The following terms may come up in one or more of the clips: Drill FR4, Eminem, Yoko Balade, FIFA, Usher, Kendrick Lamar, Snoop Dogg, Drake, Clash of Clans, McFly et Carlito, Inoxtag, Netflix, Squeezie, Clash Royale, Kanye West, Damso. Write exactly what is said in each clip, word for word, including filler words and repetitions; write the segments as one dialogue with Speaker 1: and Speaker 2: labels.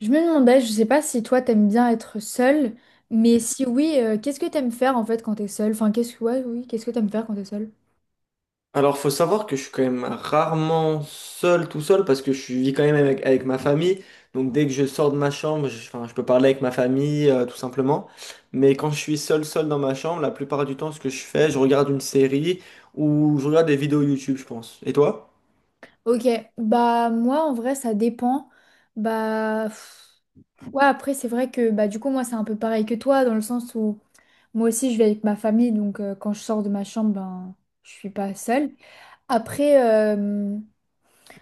Speaker 1: Je me demandais, je sais pas si toi t'aimes bien être seule, mais si oui, euh, qu'est-ce que t'aimes faire en fait quand t'es seule? Enfin, qu'est-ce que ouais, oui, qu'est-ce que t'aimes faire quand t'es seule?
Speaker 2: Alors, faut savoir que je suis quand même rarement seul, tout seul, parce que je vis quand même avec, avec ma famille. Donc, dès que je sors de ma chambre, je, enfin, je peux parler avec ma famille, euh, tout simplement. Mais quand je suis seul, seul dans ma chambre, la plupart du temps, ce que je fais, je regarde une série ou je regarde des vidéos YouTube, je pense. Et toi?
Speaker 1: Ok, bah moi en vrai ça dépend. Bah pff, ouais, après c'est vrai que bah du coup moi c'est un peu pareil que toi dans le sens où moi aussi je vis avec ma famille donc euh, quand je sors de ma chambre ben je suis pas seule. Après euh,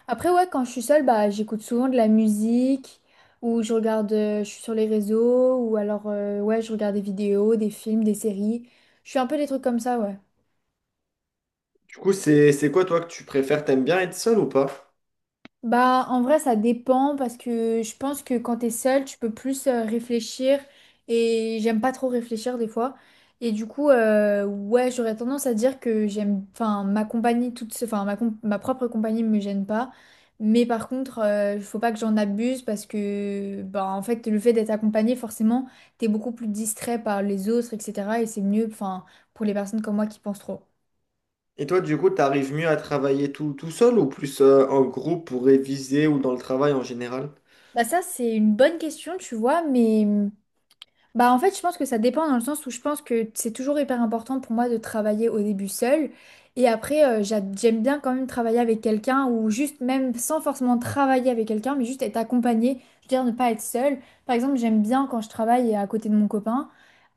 Speaker 1: Après, ouais, quand je suis seule, bah, j'écoute souvent de la musique ou je regarde, euh, je suis sur les réseaux ou alors, euh, ouais, je regarde des vidéos, des films, des séries. Je fais un peu des trucs comme ça, ouais.
Speaker 2: Du coup, c'est, c'est quoi, toi, que tu préfères? T'aimes bien être seul ou pas?
Speaker 1: Bah, en vrai, ça dépend parce que je pense que quand t'es seule, tu peux plus euh, réfléchir et j'aime pas trop réfléchir des fois. Et du coup, euh, ouais, j'aurais tendance à dire que j'aime, enfin, ma compagnie toute, se- enfin, ma, com- ma propre compagnie me gêne pas. Mais par contre, euh, faut pas que j'en abuse parce que, bah, en fait, le fait d'être accompagné, forcément, t'es beaucoup plus distrait par les autres, et cetera. Et c'est mieux, enfin, pour les personnes comme moi qui pensent trop.
Speaker 2: Et toi, du coup, t'arrives mieux à travailler tout, tout seul ou plus, euh, en groupe pour réviser ou dans le travail en général?
Speaker 1: Bah, ça, c'est une bonne question, tu vois, mais, mmh, bah en fait, je pense que ça dépend dans le sens où je pense que c'est toujours hyper important pour moi de travailler au début seule. Et après, euh, j'a- j'aime bien quand même travailler avec quelqu'un ou juste même sans forcément travailler avec quelqu'un, mais juste être accompagnée, je veux dire ne pas être seule. Par exemple, j'aime bien quand je travaille à côté de mon copain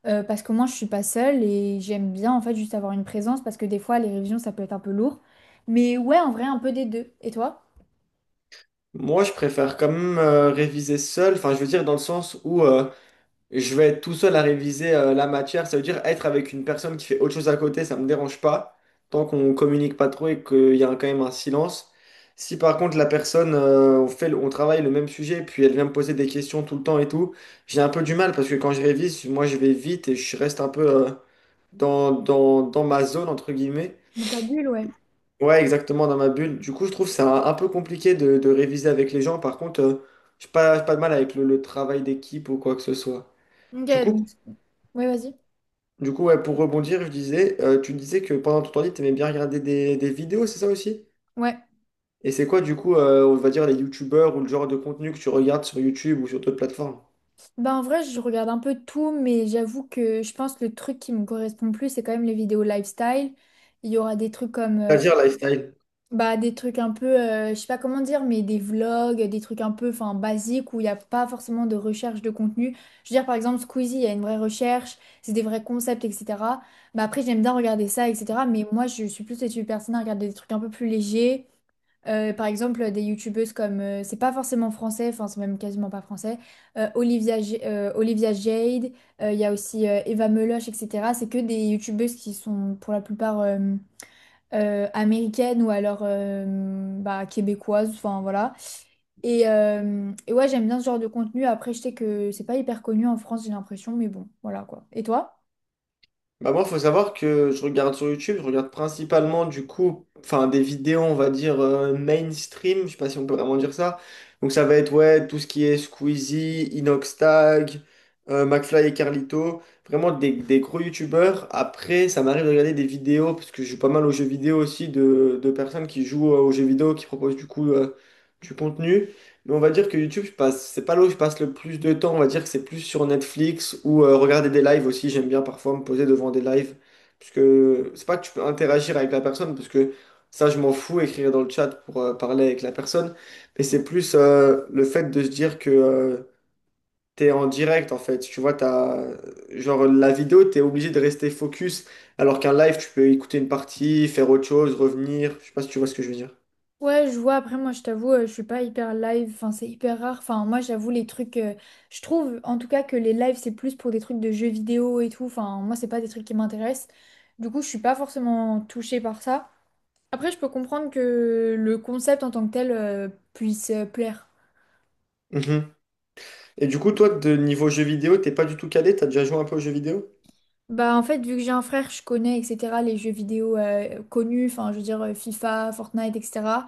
Speaker 1: euh, parce qu'au moins je suis pas seule et j'aime bien en fait juste avoir une présence parce que des fois les révisions ça peut être un peu lourd. Mais ouais, en vrai, un peu des deux. Et toi?
Speaker 2: Moi, je préfère quand même euh, réviser seul, enfin je veux dire dans le sens où euh, je vais être tout seul à réviser euh, la matière, ça veut dire être avec une personne qui fait autre chose à côté, ça me dérange pas, tant qu'on communique pas trop et qu'il y a un- quand même un silence. Si par contre la personne, euh, on fait, le- on travaille le même sujet, puis elle vient me poser des questions tout le temps et tout, j'ai un peu du mal parce que quand je révise, moi je vais vite et je reste un peu euh, dans, dans, dans ma zone, entre guillemets.
Speaker 1: Dans ta bulle, ouais.
Speaker 2: Ouais, exactement, dans ma bulle. Du coup, je trouve ça un peu compliqué de, de réviser avec les gens. Par contre, euh, j'ai pas, j'ai pas de mal avec le, le travail d'équipe ou quoi que ce soit.
Speaker 1: Ok,
Speaker 2: Du coup,
Speaker 1: donc. Ouais, vas-y.
Speaker 2: du coup ouais, pour rebondir, je disais, euh, tu disais que pendant ton temps libre, t'aimais bien regarder des, des vidéos, c'est ça aussi?
Speaker 1: Ouais.
Speaker 2: Et c'est quoi, du coup, euh, on va dire les youtubeurs ou le genre de contenu que tu regardes sur YouTube ou sur d'autres plateformes?
Speaker 1: Bah en vrai, je regarde un peu tout, mais j'avoue que je pense que le truc qui me correspond le plus, c'est quand même les vidéos lifestyle. Il y aura des trucs comme, euh,
Speaker 2: C'est-à-dire lifestyle.
Speaker 1: bah, des trucs un peu, euh, je sais pas comment dire, mais des vlogs, des trucs un peu, enfin, basiques où il n'y a pas forcément de recherche de contenu. Je veux dire, par exemple, Squeezie, il y a une vraie recherche, c'est des vrais concepts, et cetera. Bah après, j'aime bien regarder ça, et cetera. Mais moi, je suis plus cette personne à regarder des trucs un peu plus légers. Euh, par exemple, des youtubeuses comme, euh, c'est pas forcément français, enfin c'est même quasiment pas français, euh, Olivia, J- euh, Olivia Jade, euh, il y a aussi euh, Eva Meloche, et cetera. C'est que des youtubeuses qui sont pour la plupart euh, euh, américaines ou alors euh, bah, québécoises, enfin voilà. Et, euh, et ouais, j'aime bien ce genre de contenu. Après, je sais que c'est pas hyper connu en France, j'ai l'impression, mais bon, voilà quoi. Et toi?
Speaker 2: Bah moi, faut savoir que je regarde sur YouTube, je regarde principalement du coup, enfin des vidéos, on va dire euh, mainstream, je sais pas si on peut vraiment dire ça. Donc ça va être ouais, tout ce qui est Squeezie, Inoxtag, euh, McFly et Carlito, vraiment des, des gros YouTubeurs. Après, ça m'arrive de regarder des vidéos, parce que je joue pas mal aux jeux vidéo aussi, de, de personnes qui jouent euh, aux jeux vidéo, qui proposent du coup euh, du contenu. Mais on va dire que YouTube, je passe, c'est pas là où je passe le plus de temps. On va dire que c'est plus sur Netflix ou euh, regarder des lives aussi. J'aime bien parfois me poser devant des lives. Parce que c'est pas que tu peux interagir avec la personne, parce que ça, je m'en fous, écrire dans le chat pour euh, parler avec la personne. Mais c'est plus euh, le fait de se dire que euh, t'es en direct, en fait. Tu vois, t'as, genre, la vidéo, t'es obligé de rester focus. Alors qu'un live, tu peux écouter une partie, faire autre chose, revenir. Je sais pas si tu vois ce que je veux
Speaker 1: Ouais, je vois. Après, moi, je t'avoue, euh, je suis pas hyper live. Enfin, c'est hyper rare. Enfin, moi, j'avoue, les trucs. Euh, je trouve, en tout cas, que les lives, c'est plus pour des trucs de jeux vidéo et tout. Enfin, moi, c'est pas des trucs qui m'intéressent. Du coup, je suis pas forcément touchée par ça. Après, je peux comprendre que le concept en tant que tel, euh, puisse euh, plaire.
Speaker 2: dire. Et du coup, toi, de niveau jeux vidéo, t'es pas du tout calé, t'as déjà joué un peu aux jeux vidéo?
Speaker 1: Bah en fait, vu que j'ai un frère, je connais, et cetera, les jeux vidéo euh, connus, enfin je veux dire euh, FIFA, Fortnite, et cetera.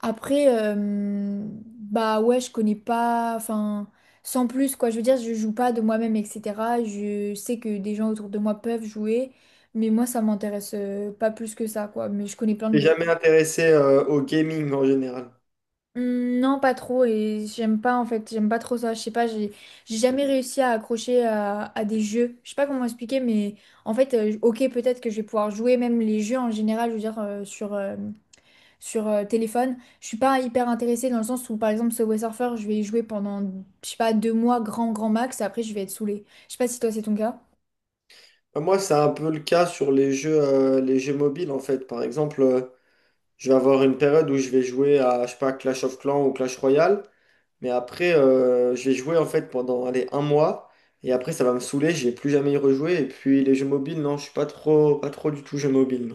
Speaker 1: Après, euh, bah ouais, je connais pas, enfin sans plus quoi, je veux dire, je joue pas de moi-même, et cetera. Je sais que des gens autour de moi peuvent jouer, mais moi ça m'intéresse euh, pas plus que ça quoi, mais je connais plein de
Speaker 2: T'es
Speaker 1: jeux.
Speaker 2: jamais intéressé euh, au gaming en général.
Speaker 1: Hmm. Non, pas trop et j'aime pas en fait, j'aime pas trop ça. Je sais pas, j'ai j'ai jamais réussi à accrocher à, à des jeux. Je sais pas comment expliquer, mais en fait, euh, ok, peut-être que je vais pouvoir jouer même les jeux en général, je veux dire euh, sur euh, sur euh, téléphone. Je suis pas hyper intéressée dans le sens où par exemple Subway Surfer, je vais y jouer pendant je sais pas deux mois grand grand max et après je vais être saoulée. Je sais pas si toi c'est ton cas.
Speaker 2: Euh, Moi, c'est un peu le cas sur les jeux, euh, les jeux mobiles en fait. Par exemple, euh, je vais avoir une période où je vais jouer à, je sais pas, Clash of Clans ou Clash Royale, mais après, euh, je vais jouer en fait pendant, allez, un mois, et après, ça va me saouler, je vais plus jamais y rejouer. Et puis, les jeux mobiles, non, je suis pas trop, pas trop du tout jeu mobile.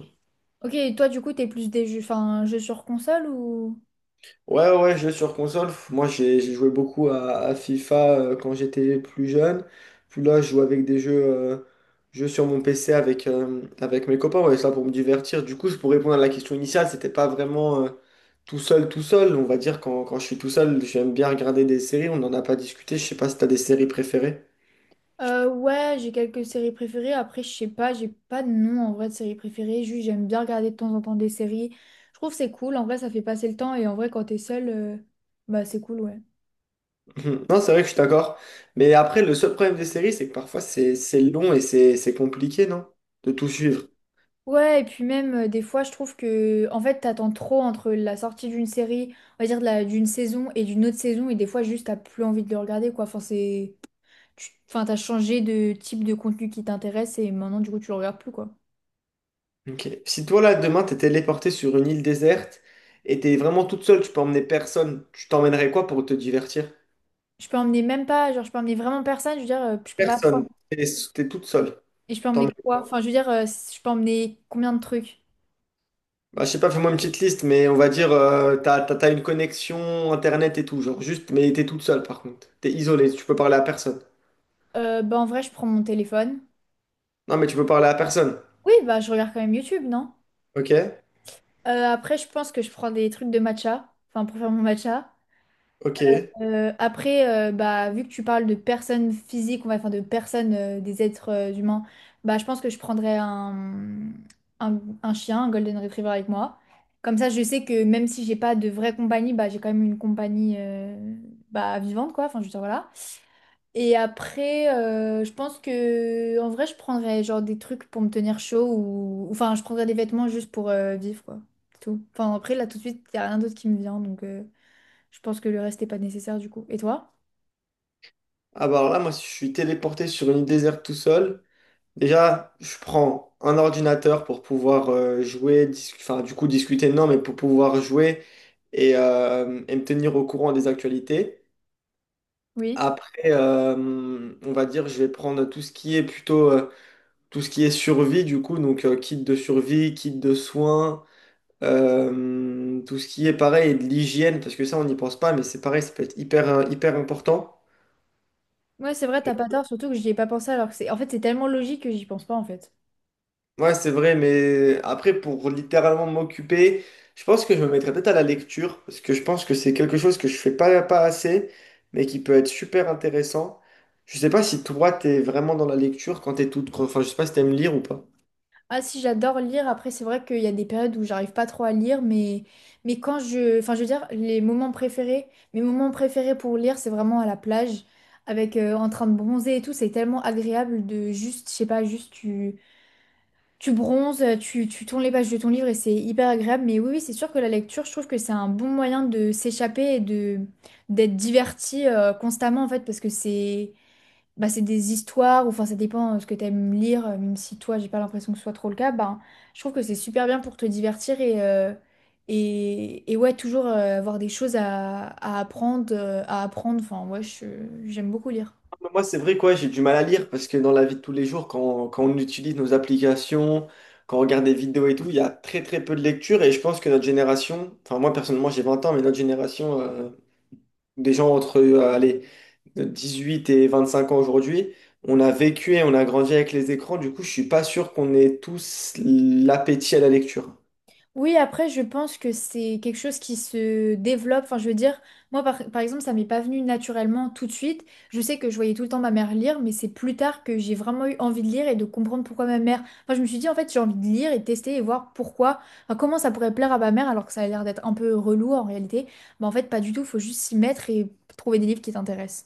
Speaker 1: Ok, et toi du coup t'es plus des jeux, enfin jeux sur console ou?
Speaker 2: Ouais, ouais, jeux sur console. Pff, Moi, j'ai j'ai joué beaucoup à, à FIFA euh, quand j'étais plus jeune. Puis là, je joue avec des jeux, euh, jeux sur mon P C avec, euh, avec mes copains. Ouais, ça pour me divertir. Du coup, je pour répondre à la question initiale, c'était pas vraiment euh, tout seul, tout seul. On va dire, quand, quand je suis tout seul, j'aime bien regarder des séries. On n'en a pas discuté. Je sais pas si t'as des séries préférées.
Speaker 1: Euh, ouais, j'ai quelques séries préférées. Après, je sais pas, j'ai pas de nom en vrai de séries préférées. Juste, j'aime bien regarder de temps en temps des séries. Je trouve que c'est cool. En vrai, ça fait passer le temps. Et en vrai, quand t'es seule, euh, bah c'est cool, ouais.
Speaker 2: Mhm. Non, c'est vrai que je suis d'accord. Mais après, le seul problème des séries, c'est que parfois, c'est c'est long et c'est c'est compliqué, non? De tout suivre.
Speaker 1: Ouais, et puis même, euh, des fois, je trouve que, en fait, t'attends trop entre la sortie d'une série, on va dire de la- d'une saison et d'une autre saison. Et des fois, juste, t'as plus envie de le regarder, quoi. Enfin, c'est. tu- enfin, t'as changé de type de contenu qui t'intéresse et maintenant, du coup, tu le regardes plus, quoi.
Speaker 2: Ok. Si toi, là, demain, t'es téléporté sur une île déserte et t'es vraiment toute seule, tu peux emmener personne, tu t'emmènerais quoi pour te divertir?
Speaker 1: Je peux emmener même pas, genre, je peux emmener vraiment personne. Je veux dire, euh, je peux pas.
Speaker 2: Personne. T'es t'es toute seule.
Speaker 1: Et je peux emmener
Speaker 2: T'emmènes
Speaker 1: quoi? Enfin,
Speaker 2: quoi?
Speaker 1: je veux dire, euh, je peux emmener combien de trucs?
Speaker 2: Bah, je sais pas, fais-moi une petite liste, mais on va dire, euh, t'as, t'as- t'as une connexion internet et tout, genre juste, mais t'es toute seule par contre. T'es isolée, tu peux parler à personne.
Speaker 1: Euh, bah, en vrai, je prends mon téléphone.
Speaker 2: Non, mais tu peux parler à personne.
Speaker 1: Oui, bah, je regarde quand même YouTube, non?
Speaker 2: Ok?
Speaker 1: Euh, après, je pense que je prends des trucs de matcha, enfin, pour faire mon matcha.
Speaker 2: Ok.
Speaker 1: Euh, après, euh, bah, vu que tu parles de personnes physiques, on va enfin, de personnes, euh, des êtres euh, humains, bah, je pense que je prendrais un, un, un chien, un Golden Retriever avec moi. Comme ça, je sais que même si j'ai pas de vraie compagnie, bah, j'ai quand même une compagnie euh, bah, vivante, quoi. Enfin, je veux dire, voilà. Et après, euh, je pense que en vrai, je prendrais genre des trucs pour me tenir chaud ou enfin, je prendrais des vêtements juste pour euh, vivre quoi. C'est tout. Enfin, après, là tout de suite, il y a rien d'autre qui me vient donc euh, je pense que le reste n'est pas nécessaire du coup. Et toi?
Speaker 2: Ah bah alors là, moi, si je suis téléporté sur une île déserte tout seul. Déjà, je prends un ordinateur pour pouvoir euh, jouer, dis- enfin du coup discuter, non, mais pour pouvoir jouer et, euh, et me tenir au courant des actualités.
Speaker 1: Oui.
Speaker 2: Après, euh, on va dire, je vais prendre tout ce qui est plutôt euh, tout ce qui est survie, du coup, donc euh, kit de survie, kit de soins, euh, tout ce qui est pareil, de l'hygiène, parce que ça, on n'y pense pas, mais c'est pareil, ça peut être hyper, euh, hyper important.
Speaker 1: Ouais, c'est vrai, t'as pas tort, surtout que j'y ai pas pensé alors que c'est en fait, c'est tellement logique que j'y pense pas en fait.
Speaker 2: Ouais, c'est vrai, mais après, pour littéralement m'occuper, je pense que je me mettrais peut-être à la lecture, parce que je pense que c'est quelque chose que je fais pas, pas assez, mais qui peut être super intéressant. Je sais pas si toi, t'es vraiment dans la lecture quand t'es toute... Enfin, je sais pas si t'aimes lire ou pas.
Speaker 1: Ah si, j'adore lire. Après, c'est vrai qu'il y a des périodes où j'arrive pas trop à lire, mais, mais quand je... enfin, je veux dire, les moments préférés, mes moments préférés pour lire, c'est vraiment à la plage, avec euh, en train de bronzer et tout. C'est tellement agréable de juste, je sais pas, juste tu, tu bronzes, tu, tu tournes les pages de ton livre et c'est hyper agréable. Mais oui, oui, c'est sûr que la lecture, je trouve que c'est un bon moyen de s'échapper et de d'être diverti euh, constamment, en fait, parce que c'est bah, c'est des histoires, ou enfin ça dépend euh, ce que tu aimes lire, euh, même si toi j'ai pas l'impression que ce soit trop le cas, bah, je trouve que c'est super bien pour te divertir et, euh, et, et ouais, toujours euh, avoir des choses à, à apprendre, euh, à apprendre, enfin ouais, je- j'aime beaucoup lire.
Speaker 2: Mais Moi, c'est vrai, quoi, j'ai du mal à lire, parce que dans la vie de tous les jours, quand, quand on utilise nos applications, quand on regarde des vidéos et tout, il y a très très peu de lecture, et je pense que notre génération, enfin moi personnellement j'ai vingt ans, mais notre génération, euh, des gens entre, euh, allez, de dix-huit et vingt-cinq ans aujourd'hui, on a vécu et on a grandi avec les écrans, du coup, je suis pas sûr qu'on ait tous l'appétit à la lecture.
Speaker 1: Oui, après, je pense que c'est quelque chose qui se développe. Enfin, je veux dire, moi, par, par exemple, ça m'est pas venu naturellement tout de suite. Je sais que je voyais tout le temps ma mère lire, mais c'est plus tard que j'ai vraiment eu envie de lire et de comprendre pourquoi ma mère. Enfin, je me suis dit, en fait, j'ai envie de lire et de tester et voir pourquoi, enfin, comment ça pourrait plaire à ma mère, alors que ça a l'air d'être un peu relou en réalité. Mais en fait, pas du tout. Faut juste s'y mettre et trouver des livres qui t'intéressent.